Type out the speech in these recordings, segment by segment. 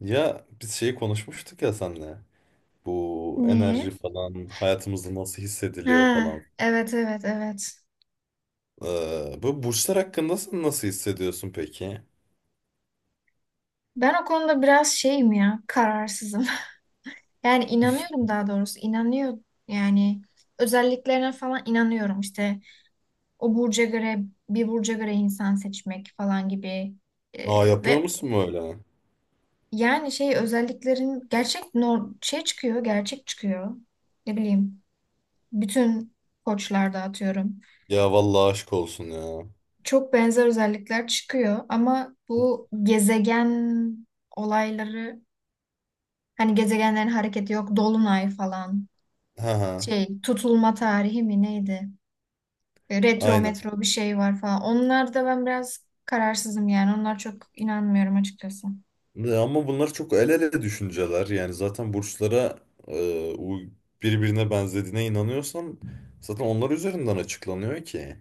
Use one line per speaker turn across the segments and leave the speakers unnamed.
Ya biz şeyi konuşmuştuk ya senle. Bu enerji
Neyi?
falan hayatımızda nasıl hissediliyor
Ha,
falan.
evet evet evet.
Bu burçlar hakkında sen nasıl hissediyorsun peki?
Ben o konuda biraz şeyim ya, kararsızım. Yani inanıyorum daha doğrusu, inanıyor yani özelliklerine falan inanıyorum işte o burca göre bir burca göre insan seçmek falan gibi.
Aa, yapıyor
Ve
musun böyle?
yani şey özelliklerin gerçek nor şey çıkıyor, gerçek çıkıyor. Ne bileyim, bütün koçlarda atıyorum.
Ya vallahi aşk olsun ya.
Çok benzer özellikler çıkıyor ama bu gezegen olayları. Hani gezegenlerin hareketi yok. Dolunay falan.
Ha ha.
Şey tutulma tarihi mi neydi? Retro
Aynen.
metro bir şey var falan. Onlar da ben biraz kararsızım yani. Onlar çok inanmıyorum açıkçası.
Ya, ama bunlar çok el ele düşünceler. Yani zaten burçlara e, uy- birbirine benzediğine inanıyorsan zaten onlar üzerinden açıklanıyor ki.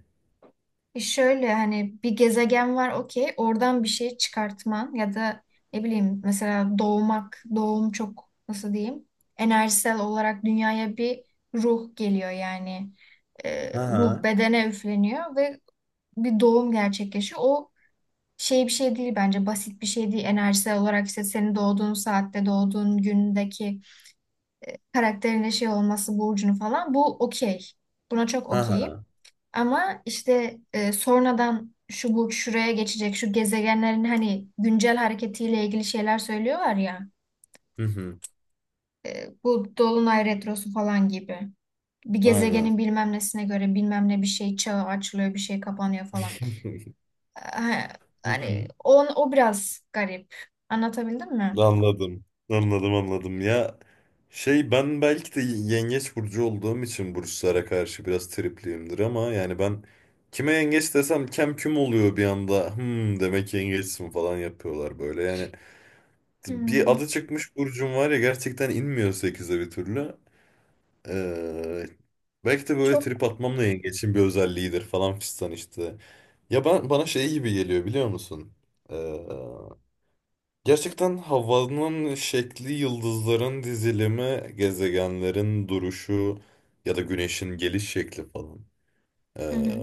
E şöyle hani bir gezegen var okey. Oradan bir şey çıkartman ya da ne bileyim mesela doğmak. Doğum çok nasıl diyeyim? Enerjisel olarak dünyaya bir ruh geliyor yani.
Ha
Ruh
ha.
bedene üfleniyor ve bir doğum gerçekleşiyor. O şey bir şey değil bence, basit bir şey değil enerjisel olarak, işte senin doğduğun saatte doğduğun gündeki karakterine şey olması, burcunu falan, bu okey, buna çok
Ha
okeyim,
ha.
ama işte sonradan şu burç şuraya geçecek, şu gezegenlerin hani güncel hareketiyle ilgili şeyler söylüyorlar ya,
Hı hı.
bu dolunay retrosu falan gibi, bir
Aynen.
gezegenin bilmem nesine göre bilmem ne bir şey çağı açılıyor bir şey kapanıyor falan. E,
Hı hı.
Hani o biraz garip, anlatabildim mi?
Anladım. Anladım, anladım. Ya, şey, ben belki de yengeç burcu olduğum için burçlara karşı biraz tripliyimdir ama yani ben kime yengeç desem kem küm oluyor bir anda. Hmm, demek yengeçsin falan yapıyorlar böyle. Yani bir
Hmm.
adı çıkmış burcum var ya, gerçekten inmiyor sekize bir türlü. Ee, Belki de böyle
Çok.
trip atmam da yengeçin bir özelliğidir falan fistan işte. Ya ben bana şey gibi geliyor biliyor musun? Gerçekten havanın şekli, yıldızların dizilimi, gezegenlerin duruşu ya da güneşin geliş şekli falan.
Hı
Ee,
hı.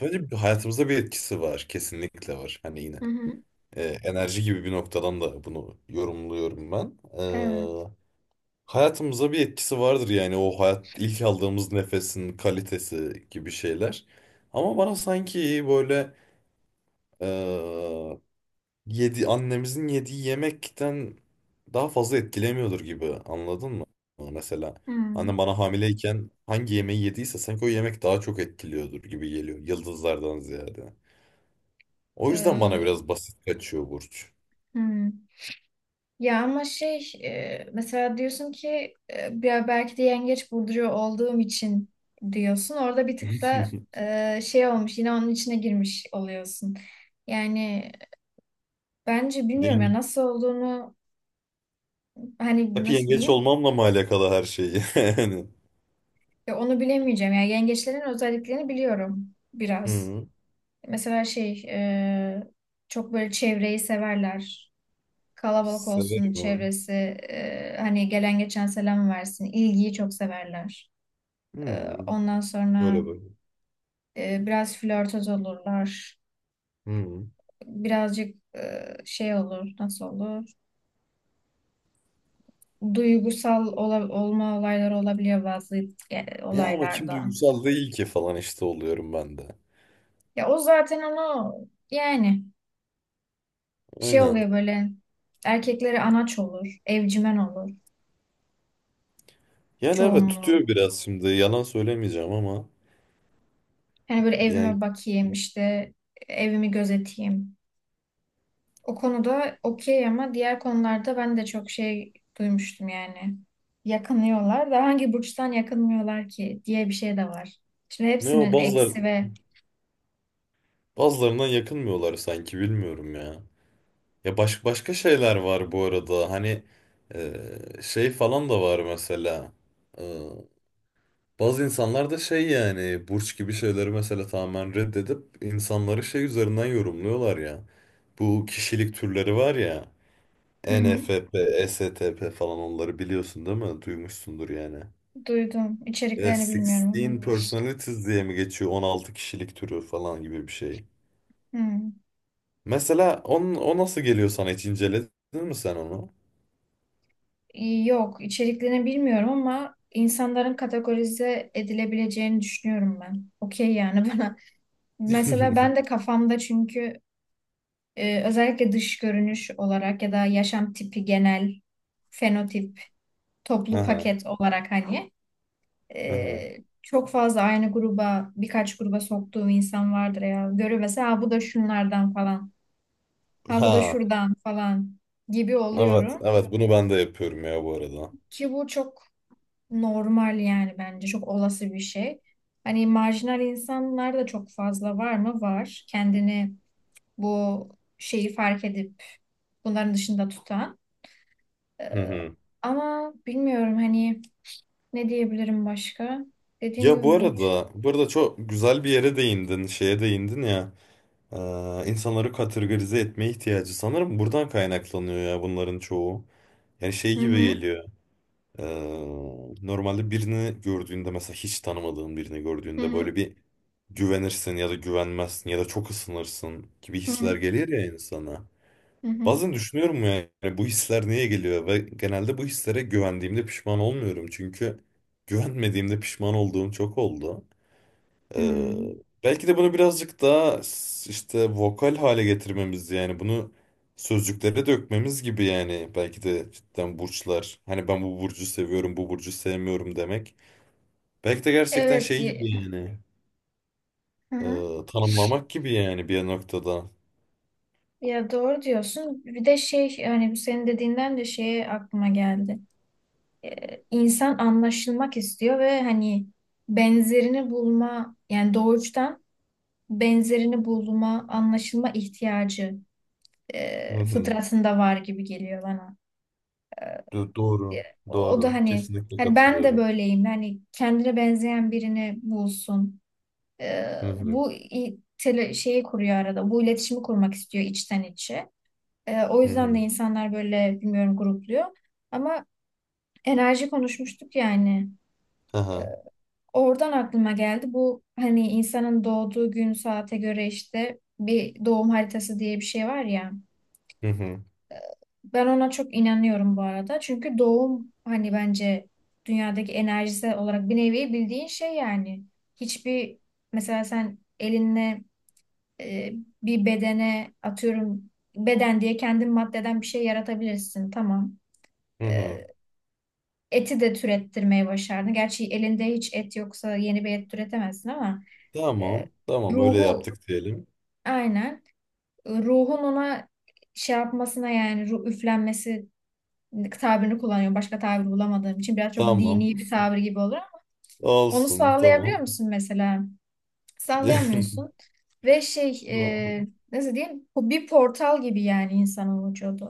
bence hayatımıza bir etkisi var, kesinlikle var. Hani yine
Hı hı.
enerji gibi bir noktadan da bunu yorumluyorum ben.
Evet.
Hayatımıza bir etkisi vardır yani o hayat ilk aldığımız nefesin kalitesi gibi şeyler. Ama bana sanki böyle yedi annemizin yediği yemekten daha fazla etkilemiyordur gibi anladın mı? Mesela
Hmm.
annem bana hamileyken hangi yemeği yediyse sanki o yemek daha çok etkiliyordur gibi geliyor yıldızlardan ziyade. O yüzden bana
Ee,
biraz basit kaçıyor burç.
Hı. Ya ama şey mesela diyorsun ki ya belki de yengeç burcuyor olduğum için diyorsun. Orada bir tık da şey olmuş, yine onun içine girmiş oluyorsun. Yani bence bilmiyorum ya
Yenge,
nasıl olduğunu, hani
Hep
nasıl
yengeç
diyeyim,
olmamla mı alakalı her şeyi? Yani.
ya onu bilemeyeceğim. Yani yengeçlerin özelliklerini biliyorum biraz.
Hı,
Mesela şey çok böyle çevreyi severler. Kalabalık olsun
severim abi.
çevresi. Hani gelen geçen selam versin. İlgiyi çok severler.
Hı,
Ondan sonra
öyle böyle.
biraz flörtöz olurlar.
Hı.
Birazcık şey olur. Nasıl olur? Duygusal olma olayları olabiliyor bazı
Ya ama kim
olaylarda.
duygusal değil ki falan işte oluyorum ben de.
Ya o zaten onu yani şey
Aynen.
oluyor böyle, erkekleri anaç olur, evcimen olur
Yani, evet,
çoğunluğu.
tutuyor biraz şimdi. Yalan söylemeyeceğim ama
Hani böyle
yani
evime bakayım, işte evimi gözeteyim. O konuda okey ama diğer konularda ben de çok şey duymuştum yani. Yakınıyorlar da hangi burçtan yakınmıyorlar ki diye bir şey de var. Şimdi
ne o
hepsinin eksi ve
bazılarından yakınmıyorlar sanki, bilmiyorum ya. Ya, başka şeyler var bu arada. Hani e, şey falan da var mesela. E, Bazı insanlar da şey yani burç gibi şeyleri mesela tamamen reddedip insanları şey üzerinden yorumluyorlar ya. Bu kişilik türleri var ya.
Hı hı.
ENFP, STP falan, onları biliyorsun değil mi? Duymuşsundur yani.
Duydum. İçeriklerini bilmiyorum ama.
16 personalities diye mi geçiyor? 16 kişilik türü falan gibi bir şey.
Hı.
Mesela o nasıl geliyor sana, hiç inceledin mi sen onu?
Yok, içeriklerini bilmiyorum ama insanların kategorize edilebileceğini düşünüyorum ben. Okey yani bana. Mesela ben de kafamda çünkü özellikle dış görünüş olarak ya da yaşam tipi genel fenotip
Ha,
toplu
ha,
paket olarak hani e, çok fazla aynı gruba, birkaç gruba soktuğum insan vardır ya. Görüyor mesela "Ha, bu da şunlardan falan. Ha bu da
ha.
şuradan falan" gibi
Evet,
oluyorum.
evet, bunu ben de yapıyorum ya bu arada.
Ki bu çok normal yani, bence çok olası bir şey. Hani marjinal insanlar da çok fazla var mı? Var. Kendini bu şeyi fark edip bunların dışında tutan.
Hı
Ee,
hı.
Ama bilmiyorum hani ne diyebilirim başka? Dediğim gibi
Ya
bu
bu arada çok güzel bir yere değindin, şeye değindin ya. Ee, insanları kategorize etme ihtiyacı sanırım buradan kaynaklanıyor ya bunların çoğu. Yani şey
Hı
gibi
hı.
geliyor. Ee, Normalde birini gördüğünde, mesela hiç tanımadığın birini
Hı
gördüğünde
hı.
böyle bir güvenirsin ya da güvenmezsin ya da çok ısınırsın gibi
Hı
hisler
hı.
gelir ya insana.
Hı hı.
Bazen düşünüyorum ya, yani bu hisler niye geliyor ve genelde bu hislere güvendiğimde pişman olmuyorum çünkü güvenmediğimde pişman olduğum çok oldu. Ee,
Hmm.
Belki de bunu birazcık daha işte vokal hale getirmemiz, yani bunu sözcüklere dökmemiz gibi, yani belki de cidden burçlar, hani ben bu burcu seviyorum bu burcu sevmiyorum demek, belki de gerçekten
Evet.
şey gibi yani,
Hı hı.
tanımlamak gibi yani bir noktada.
Ya doğru diyorsun. Bir de şey, yani senin dediğinden de şeye aklıma geldi. İnsan anlaşılmak istiyor ve hani benzerini bulma, yani doğuştan benzerini bulma, anlaşılma ihtiyacı
Hı hı.
fıtratında var gibi geliyor bana.
Doğru,
O da
doğru,
hani
kesinlikle
hani ben de
katılıyorum.
böyleyim. Hani kendine benzeyen birini bulsun. Ee,
Hı hı.
Bu şeyi kuruyor arada. Bu iletişimi kurmak istiyor içten içe. O
Hı
yüzden de
hı.
insanlar böyle bilmiyorum grupluyor. Ama enerji konuşmuştuk yani.
Aha.
Oradan aklıma geldi. Bu hani insanın doğduğu gün saate göre işte bir doğum haritası diye bir şey var ya.
Hı hı.
Ben ona çok inanıyorum bu arada. Çünkü doğum hani bence dünyadaki enerjisi olarak bir nevi bildiğin şey yani. Hiçbir mesela sen elinle e, bir bedene atıyorum beden diye kendin maddeden bir şey yaratabilirsin. Tamam.
Hı
E,
hı.
Eti de türettirmeyi başardın. Gerçi elinde hiç et yoksa yeni bir et türetemezsin ama e,
Tamam, tamam, öyle
ruhu
yaptık diyelim.
aynen, ruhun ona şey yapmasına, yani ruh üflenmesi tabirini kullanıyorum. Başka tabir bulamadığım için biraz çok
Tamam
dini bir tabir gibi olur ama onu
olsun, tamam.
sağlayabiliyor musun mesela? Sallayamıyorsun. Ve şey nasıl diyeyim? Bu bir portal gibi yani insanın vücudu.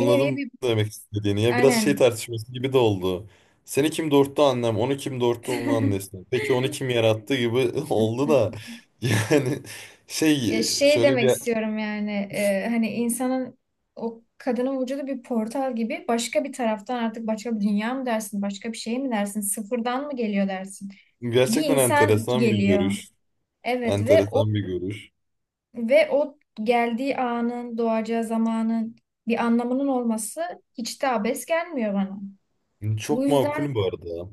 Bir nevi bir
demek istediğini. Ya biraz şey
aynen
tartışması gibi de oldu. Seni kim doğurttu annem, onu kim doğurttu onun annesi. Peki onu kim yarattı gibi oldu da. Yani
Ya
şey
şey
şöyle
demek
bir,
istiyorum yani hani insanın o kadının vücudu bir portal gibi, başka bir taraftan artık başka bir dünya mı dersin, başka bir şey mi dersin, sıfırdan mı geliyor dersin, bir
gerçekten
insan
enteresan bir
geliyor,
görüş.
evet ve o,
Enteresan bir görüş.
ve o geldiği anın, doğacağı zamanın bir anlamının olması hiç de abes gelmiyor bana. Bu
Çok
yüzden
makul bu arada.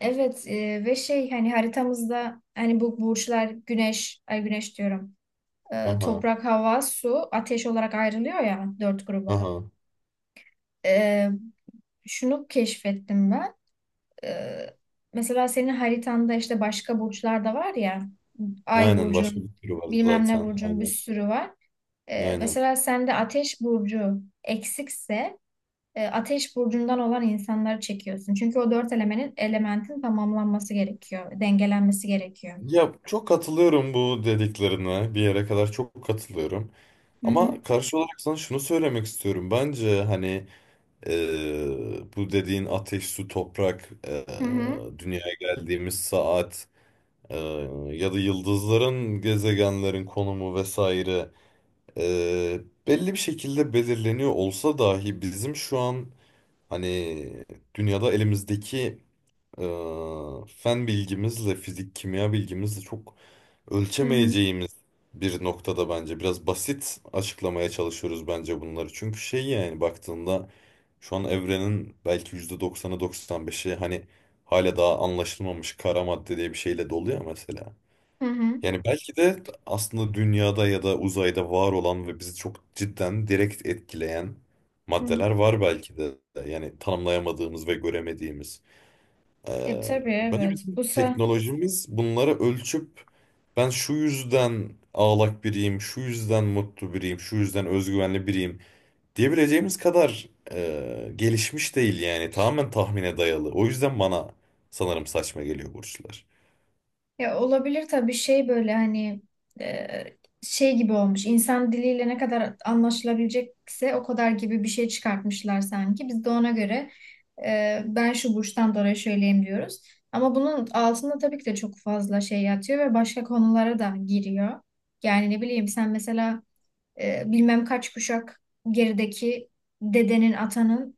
evet ve şey hani haritamızda hani bu burçlar güneş, ay güneş diyorum.
Aha,
Toprak, hava, su, ateş olarak ayrılıyor ya dört gruba.
aha.
E, Şunu keşfettim ben. E, Mesela senin haritanda işte başka burçlar da var ya. Ay
Aynen, başka bir
burcun,
sürü var
bilmem ne
zaten.
burcun bir
Aynen.
sürü var.
Aynen.
Mesela sende ateş burcu eksikse ateş burcundan olan insanları çekiyorsun. Çünkü o dört elementin tamamlanması gerekiyor, dengelenmesi gerekiyor.
Ya çok katılıyorum bu dediklerine. Bir yere kadar çok katılıyorum.
Hı hı.
Ama karşı olarak sana şunu söylemek istiyorum. Bence hani bu dediğin ateş, su, toprak,
Hı hı.
dünyaya geldiğimiz saat, ee, ya da yıldızların, gezegenlerin konumu vesaire, ee, belli bir şekilde belirleniyor olsa dahi bizim şu an hani dünyada elimizdeki fen bilgimizle, fizik, kimya bilgimizle çok
Hı hı.
ölçemeyeceğimiz bir noktada bence biraz basit açıklamaya çalışıyoruz bence bunları. Çünkü şey yani baktığında şu an evrenin belki %90'ı 95'i hani hala daha anlaşılmamış kara madde diye bir şeyle dolu ya mesela.
Hı hı.
Yani belki de aslında dünyada ya da uzayda var olan ve bizi çok cidden direkt etkileyen
Hı.
maddeler var belki de. Yani tanımlayamadığımız ve göremediğimiz.
E tabii
Bence
evet.
bütün
Bu sa
teknolojimiz bunları ölçüp ben şu yüzden ağlak biriyim, şu yüzden mutlu biriyim, şu yüzden özgüvenli biriyim diyebileceğimiz kadar gelişmiş değil yani, tamamen tahmine dayalı. O yüzden bana sanırım saçma geliyor burçlar.
Ya olabilir tabii, şey böyle hani e, şey gibi olmuş. İnsan diliyle ne kadar anlaşılabilecekse o kadar gibi bir şey çıkartmışlar sanki. Biz de ona göre ben şu burçtan dolayı şöyleyim diyoruz. Ama bunun altında tabii ki de çok fazla şey yatıyor ve başka konulara da giriyor. Yani ne bileyim sen mesela bilmem kaç kuşak gerideki dedenin, atanın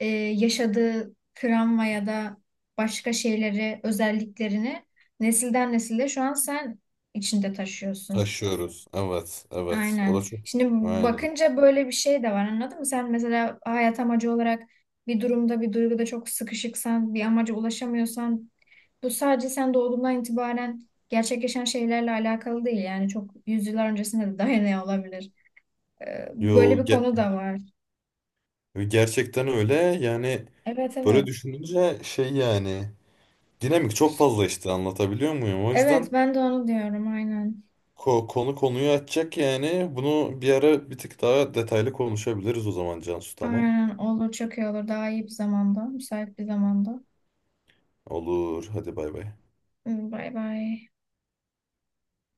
yaşadığı travma ya da başka şeyleri, özelliklerini nesilden nesile şu an sen içinde taşıyorsun.
Taşıyoruz. Evet, evet. O
Aynen.
da çok.
Şimdi
Aynen.
bakınca böyle bir şey de var, anladın mı? Sen mesela hayat amacı olarak bir durumda, bir duyguda çok sıkışıksan, bir amaca ulaşamıyorsan bu sadece sen doğduğundan itibaren gerçekleşen şeylerle alakalı değil. Yani çok yüzyıllar öncesine de dayanıyor olabilir. Böyle
Yo,
bir konu da var.
gerçekten öyle. Yani
Evet
böyle
evet.
düşününce şey yani dinamik çok fazla işte, anlatabiliyor muyum? O yüzden
Evet ben de onu diyorum aynen.
Konu konuyu açacak yani. Bunu bir ara bir tık daha detaylı konuşabiliriz o zaman Cansu, tamam.
Aynen olur, çok iyi olur. Daha iyi bir zamanda. Müsait bir zamanda.
Olur, hadi bay bay.
Bay bay.